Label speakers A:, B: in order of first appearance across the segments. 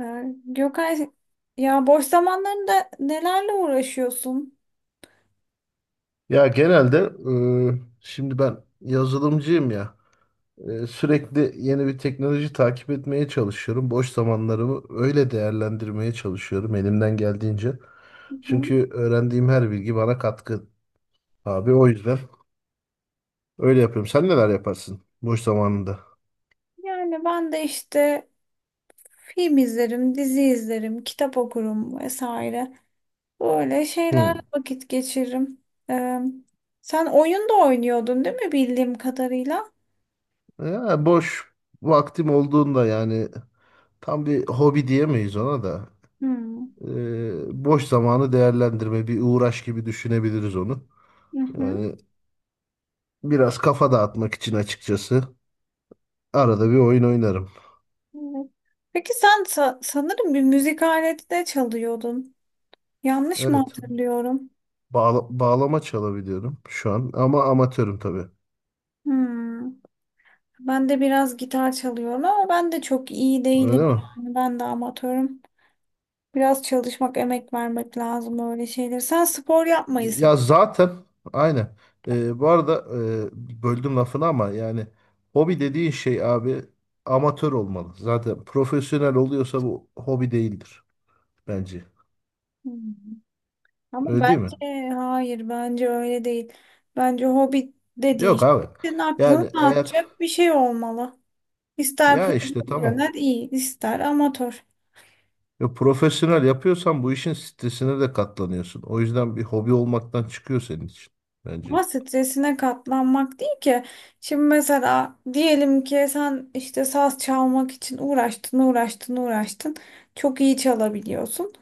A: Gökay, ya boş zamanlarında nelerle uğraşıyorsun?
B: Ya genelde şimdi ben yazılımcıyım ya, sürekli yeni bir teknoloji takip etmeye çalışıyorum. Boş zamanlarımı öyle değerlendirmeye çalışıyorum elimden geldiğince.
A: Hı hı.
B: Çünkü öğrendiğim her bilgi bana katkı abi, o yüzden öyle yapıyorum. Sen neler yaparsın boş zamanında?
A: Yani ben de işte film izlerim, dizi izlerim, kitap okurum vesaire. Böyle şeylerle
B: Hı.
A: vakit geçiririm. Ee, Sen oyun da oynuyordun değil mi bildiğim kadarıyla?
B: Ya boş vaktim olduğunda yani tam bir hobi diyemeyiz ona da.
A: Hmm.
B: Boş zamanı değerlendirme bir uğraş gibi düşünebiliriz onu.
A: Hı hı.
B: Yani biraz kafa dağıtmak için açıkçası. Arada bir oyun oynarım.
A: Evet. Peki sen sanırım bir müzik aleti de çalıyordun. Yanlış mı
B: Evet.
A: hatırlıyorum?
B: Bağlama çalabiliyorum şu an ama amatörüm tabii.
A: Hmm. Ben de biraz gitar çalıyorum ama ben de çok iyi
B: Öyle
A: değilim
B: mi?
A: yani. Ben de amatörüm. Biraz çalışmak, emek vermek lazım öyle şeyler. Sen spor yapmayı sev.
B: Ya zaten aynen. Bu arada, böldüm lafını ama yani hobi dediğin şey abi, amatör olmalı. Zaten profesyonel oluyorsa bu hobi değildir bence.
A: Hmm. Ama
B: Öyle değil mi?
A: bence hayır, bence öyle değil. Bence hobi dediğin
B: Yok
A: şey
B: abi.
A: senin aklını
B: Yani eğer
A: dağıtacak bir şey olmalı. İster
B: ya işte tamam.
A: profesyonel iyi, ister amatör.
B: Ve profesyonel yapıyorsan bu işin stresine de katlanıyorsun. O yüzden bir hobi olmaktan çıkıyor senin için bence.
A: Ama stresine katlanmak değil ki. Şimdi mesela diyelim ki sen işte saz çalmak için uğraştın, uğraştın, uğraştın. Çok iyi çalabiliyorsun.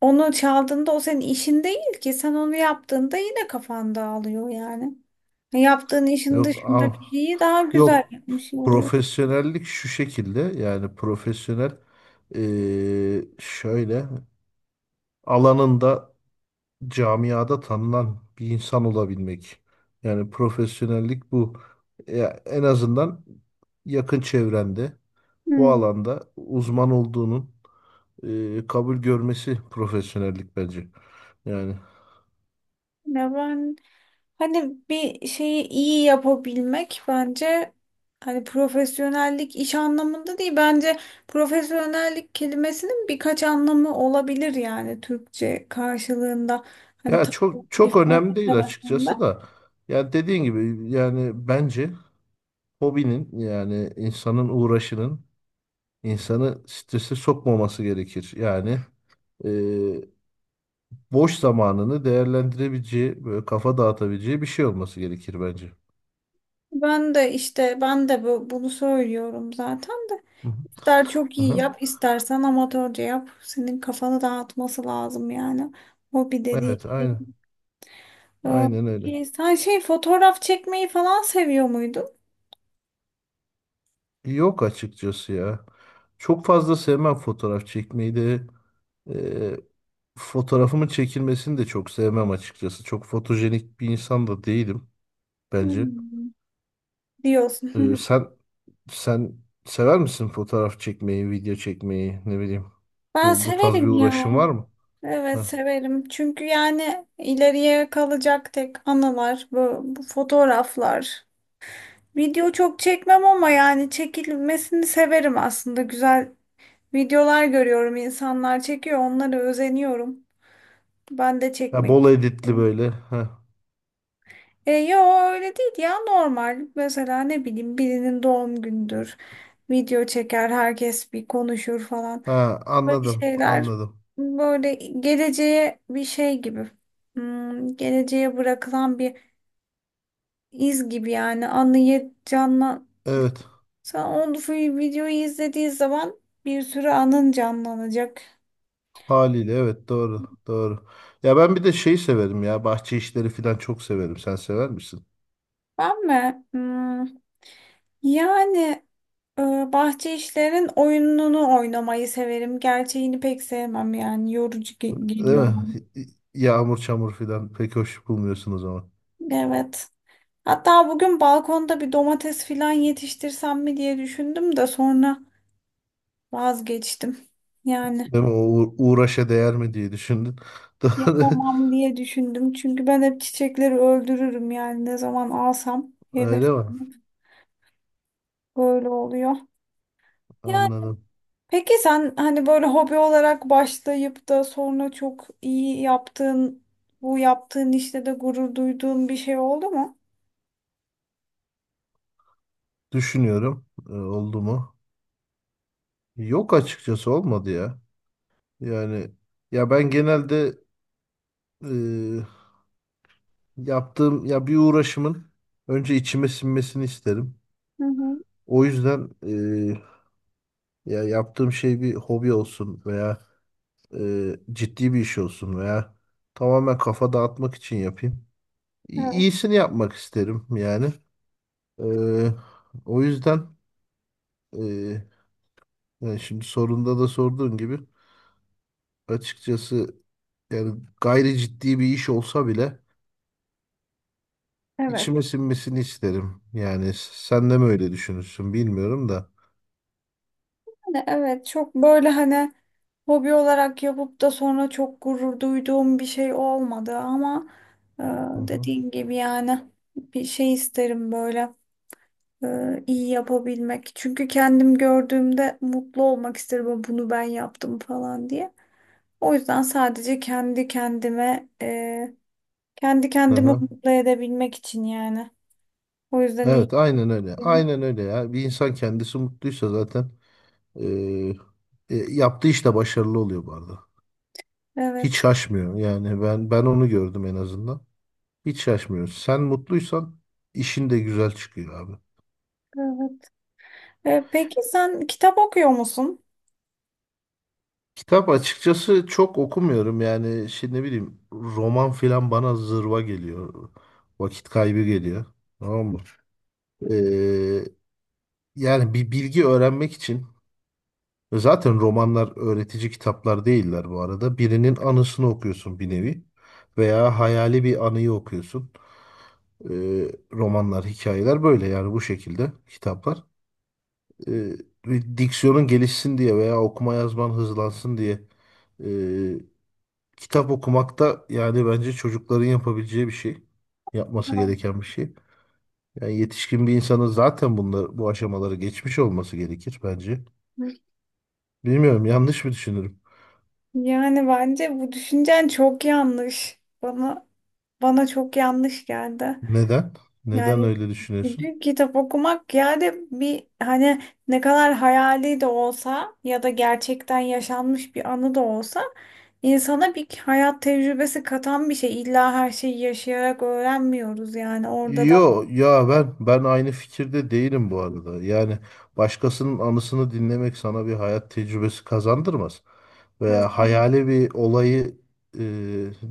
A: Onu çaldığında o senin işin değil ki. Sen onu yaptığında yine kafan dağılıyor yani. Yaptığın işin
B: Yok
A: dışında bir
B: ah,
A: şeyi daha güzel
B: yok,
A: yapmış oluyor.
B: profesyonellik şu şekilde, yani profesyonel şöyle alanında, camiada tanınan bir insan olabilmek. Yani profesyonellik bu. Ya en azından yakın çevrende bu
A: Hmm.
B: alanda uzman olduğunun kabul görmesi profesyonellik bence. Yani,
A: Ya ben hani bir şeyi iyi yapabilmek, bence hani profesyonellik iş anlamında değil, bence profesyonellik kelimesinin birkaç anlamı olabilir yani Türkçe karşılığında, hani
B: ya
A: tam
B: çok
A: olarak
B: çok
A: ifade
B: önemli değil
A: edemesem de.
B: açıkçası da. Ya dediğin gibi yani bence hobinin, yani insanın uğraşının insanı strese sokmaması gerekir. Yani e, boş zamanını değerlendirebileceği, böyle kafa dağıtabileceği bir şey olması gerekir bence.
A: Ben de işte ben de bunu söylüyorum zaten de.
B: Hı hı.
A: İster çok iyi
B: Aha.
A: yap, istersen amatörce yap. Senin kafanı dağıtması lazım yani. Hobi dediğin
B: Evet,
A: şey.
B: aynen. Aynen öyle.
A: Peki sen şey fotoğraf çekmeyi falan seviyor muydun?
B: Yok açıkçası ya. Çok fazla sevmem fotoğraf çekmeyi de. Ee, Fotoğrafımın çekilmesini de çok sevmem açıkçası. Çok fotojenik bir insan da değilim bence.
A: Hmm, diyorsun.
B: Ee, sen sen sever misin fotoğraf çekmeyi, video çekmeyi, ne bileyim.
A: Ben
B: Bu tarz bir
A: severim ya.
B: uğraşın var mı?
A: Evet
B: Heh.
A: severim. Çünkü yani ileriye kalacak tek anılar bu fotoğraflar. Video çok çekmem ama yani çekilmesini severim aslında. Güzel videolar görüyorum, insanlar çekiyor, onlara özeniyorum. Ben de
B: Ha,
A: çekmek
B: bol editli
A: istiyorum.
B: böyle. Heh.
A: E, yo öyle değil ya, normal. Mesela ne bileyim birinin doğum gündür. Video çeker, herkes bir konuşur falan.
B: Ha,
A: Böyle
B: anladım,
A: şeyler,
B: anladım.
A: böyle geleceğe bir şey gibi. Hmm, geleceğe bırakılan bir iz gibi yani anıyı canlan.
B: Evet,
A: Sen onu videoyu izlediği zaman bir sürü anın canlanacak.
B: haliyle evet, doğru, doğru. Ya ben bir de şey severim ya, bahçe işleri falan çok severim. Sen sever misin?
A: Ben mi? Hmm, yani e, bahçe işlerinin oyununu oynamayı severim. Gerçeğini pek sevmem yani yorucu
B: Değil
A: geliyor
B: mi?
A: bana.
B: Yağmur çamur filan pek hoş bulmuyorsunuz zaman.
A: Evet. Hatta bugün balkonda bir domates filan yetiştirsem mi diye düşündüm de sonra vazgeçtim. Yani
B: Değil mi? O uğraşa değer mi diye düşündün. Doğru.
A: yapamam diye düşündüm. Çünkü ben hep çiçekleri öldürürüm yani ne zaman alsam
B: Öyle mi?
A: heveslenip böyle oluyor.
B: Anladım.
A: Peki sen hani böyle hobi olarak başlayıp da sonra çok iyi yaptığın, bu yaptığın işte de gurur duyduğun bir şey oldu mu?
B: Düşünüyorum. Oldu mu? Yok açıkçası olmadı ya. Yani ya ben genelde e, yaptığım ya bir uğraşımın önce içime sinmesini isterim.
A: Hı hı.
B: O yüzden ya yaptığım şey bir hobi olsun veya ciddi bir iş olsun veya tamamen kafa dağıtmak için yapayım.
A: Evet.
B: İyisini yapmak isterim yani. Ee, O yüzden, e, yani şimdi sorunda da sorduğun gibi açıkçası yani gayri ciddi bir iş olsa bile
A: Evet.
B: içime sinmesini isterim. Yani sen de mi öyle düşünürsün bilmiyorum da.
A: Yani evet, çok böyle hani hobi olarak yapıp da sonra çok gurur duyduğum bir şey olmadı ama e,
B: Hı hı.
A: dediğin gibi yani bir şey isterim böyle iyi yapabilmek. Çünkü kendim gördüğümde mutlu olmak isterim bunu ben yaptım falan diye. O yüzden sadece kendi kendime, kendi
B: Hı
A: kendimi
B: hı.
A: mutlu edebilmek için yani. O yüzden iyi
B: Evet aynen öyle.
A: yapıyorum.
B: Aynen öyle ya. Bir insan kendisi mutluysa zaten e, yaptığı işte başarılı oluyor bu arada. Hiç
A: Evet,
B: şaşmıyor yani ben onu gördüm en azından. Hiç şaşmıyorsun. Sen mutluysan işin de güzel çıkıyor abi.
A: evet. Peki sen kitap okuyor musun?
B: Kitap açıkçası çok okumuyorum yani şimdi ne bileyim roman filan bana zırva geliyor. Vakit kaybı geliyor. Tamam mı? Ee, Yani bir bilgi öğrenmek için zaten romanlar öğretici kitaplar değiller bu arada. Birinin anısını okuyorsun bir nevi veya hayali bir anıyı okuyorsun. Romanlar, hikayeler böyle yani, bu şekilde kitaplar. e, Bir diksiyonun gelişsin diye veya okuma yazman hızlansın diye e, kitap okumak da yani bence çocukların yapabileceği bir şey. Yapması
A: Evet.
B: gereken bir şey. Yani yetişkin bir insanın zaten bunlar, bu aşamaları geçmiş olması gerekir bence. Bilmiyorum, yanlış mı düşünürüm?
A: Yani bence bu düşüncen çok yanlış. Bana çok yanlış geldi.
B: Neden? Neden
A: Yani,
B: öyle düşünüyorsun?
A: çünkü kitap okumak yani bir hani ne kadar hayali de olsa ya da gerçekten yaşanmış bir anı da olsa insana bir hayat tecrübesi katan bir şey. İlla her şeyi yaşayarak öğrenmiyoruz, yani orada da
B: Yo ya, ben aynı fikirde değilim bu arada. Yani başkasının anısını dinlemek sana bir hayat tecrübesi kazandırmaz. Veya
A: kazanmış.
B: hayali bir olayı, e,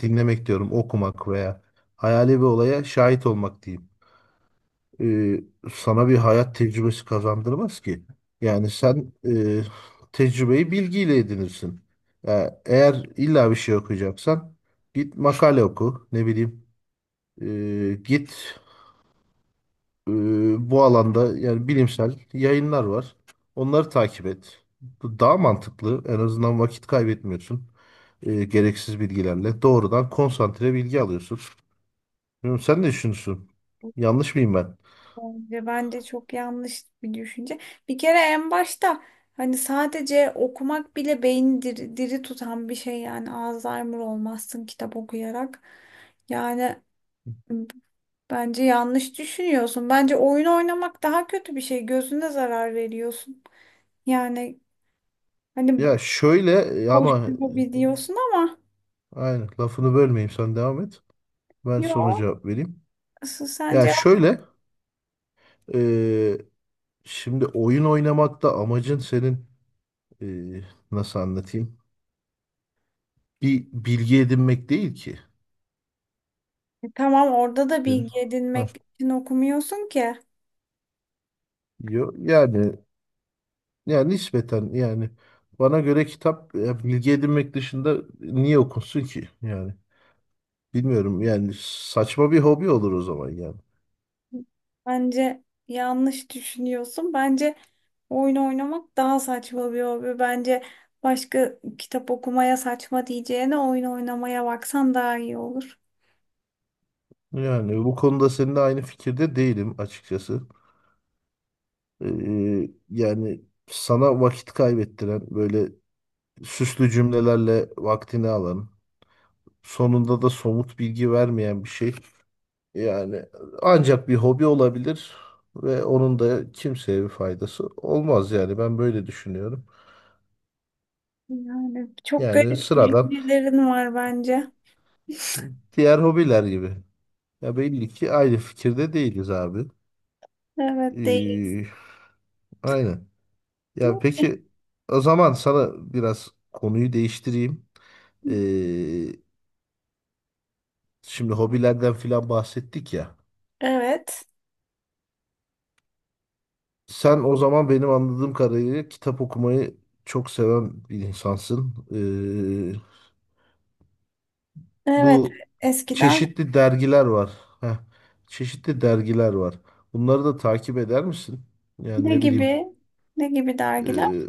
B: dinlemek diyorum, okumak veya hayali bir olaya şahit olmak diyeyim. E, sana bir hayat tecrübesi kazandırmaz ki. Yani sen tecrübeyi bilgiyle edinirsin. Ya eğer illa bir şey okuyacaksan git makale oku, ne bileyim. E, git e, bu alanda yani bilimsel yayınlar var. Onları takip et. Bu daha mantıklı. En azından vakit kaybetmiyorsun gereksiz bilgilerle. Doğrudan konsantre bilgi alıyorsun. Bilmiyorum, sen ne düşünüyorsun? Yanlış mıyım ben?
A: Bence çok yanlış bir düşünce. Bir kere en başta hani sadece okumak bile beyni diri tutan bir şey yani Alzheimer olmazsın kitap okuyarak. Yani bence yanlış düşünüyorsun. Bence oyun oynamak daha kötü bir şey. Gözüne zarar veriyorsun. Yani hani
B: Ya şöyle,
A: boş
B: ama,
A: bir hobi diyorsun ama
B: aynen, lafını bölmeyeyim sen devam et. Ben sonra
A: yok.
B: cevap vereyim.
A: Asıl
B: Ya
A: sence.
B: şöyle, e, şimdi oyun oynamakta amacın senin, e, nasıl anlatayım? Bir bilgi edinmek değil ki.
A: E tamam, orada da
B: Senin.
A: bilgi
B: Ha.
A: edinmek için okumuyorsun ki.
B: Yani yani nispeten yani bana göre kitap ya, bilgi edinmek dışında niye okunsun ki yani, bilmiyorum yani saçma bir hobi olur o zaman yani.
A: Bence yanlış düşünüyorsun. Bence oyun oynamak daha saçma bir hobi. Bence başka kitap okumaya saçma diyeceğine oyun oynamaya baksan daha iyi olur.
B: Yani bu konuda seninle aynı fikirde değilim açıkçası. Yani sana vakit kaybettiren böyle süslü cümlelerle vaktini alan sonunda da somut bilgi vermeyen bir şey, yani ancak bir hobi olabilir ve onun da kimseye bir faydası olmaz yani, ben böyle düşünüyorum.
A: Yani çok
B: Yani
A: garip
B: sıradan
A: fikirlerin var bence.
B: diğer hobiler gibi. Ya belli ki aynı fikirde değiliz abi.
A: Evet değil.
B: Ee, aynen. Ya peki o zaman sana biraz konuyu değiştireyim. Ee, Şimdi hobilerden filan bahsettik ya.
A: Evet.
B: Sen o zaman benim anladığım kadarıyla kitap okumayı çok seven bir insansın. Ee,
A: Evet.
B: Bu
A: Eskiden
B: çeşitli dergiler var. Heh, çeşitli dergiler var. Bunları da takip eder misin? Yani
A: ne
B: ne bileyim,
A: gibi, ne gibi dergiler?
B: e,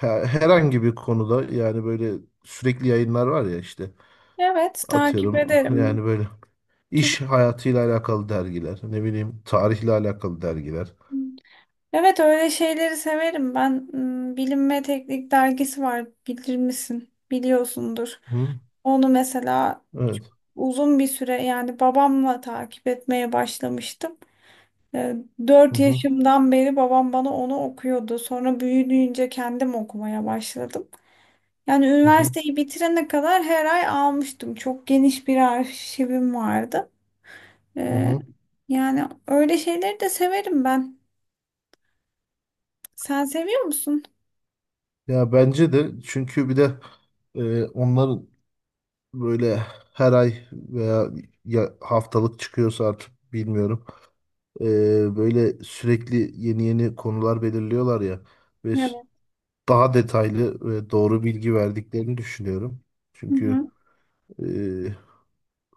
B: herhangi bir konuda yani böyle sürekli yayınlar var ya işte,
A: Evet takip
B: atıyorum
A: ederim.
B: yani böyle
A: Tüm-
B: iş hayatıyla alakalı dergiler, ne bileyim tarihle alakalı dergiler.
A: evet öyle şeyleri severim ben. Hmm, Bilim ve Teknik dergisi var, bilir misin? Biliyorsundur.
B: Hı?
A: Onu mesela
B: Evet.
A: uzun bir süre yani babamla takip etmeye başlamıştım. Ee,
B: Hı
A: Dört
B: hı.
A: yaşımdan beri babam bana onu okuyordu. Sonra büyüdüğünce kendim okumaya başladım. Yani
B: Hı hı.
A: üniversiteyi bitirene kadar her ay almıştım. Çok geniş bir arşivim vardı.
B: Hı
A: Ee,
B: hı.
A: yani öyle şeyleri de severim ben. Sen seviyor musun?
B: Ya bence de, çünkü bir de onların böyle her ay veya ya haftalık çıkıyorsa artık bilmiyorum. Böyle sürekli yeni yeni konular belirliyorlar ya ve
A: Evet.
B: daha detaylı ve doğru bilgi verdiklerini düşünüyorum.
A: Hı
B: Çünkü
A: hı,
B: e,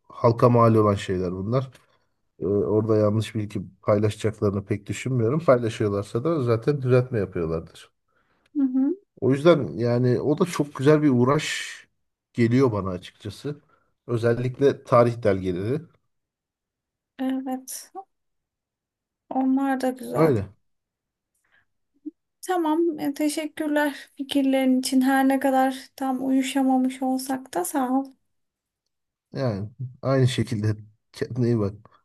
B: halka mal olan şeyler bunlar. Orada yanlış bilgi paylaşacaklarını pek düşünmüyorum. Paylaşıyorlarsa da zaten düzeltme yapıyorlardır.
A: hı hı.
B: O yüzden yani o da çok güzel bir uğraş geliyor bana açıkçası. Özellikle tarih dergileri.
A: Evet. Onlar da güzel.
B: Öyle.
A: Tamam. Teşekkürler fikirlerin için. Her ne kadar tam uyuşamamış olsak da sağ ol.
B: Yani aynı şekilde kendine iyi bak.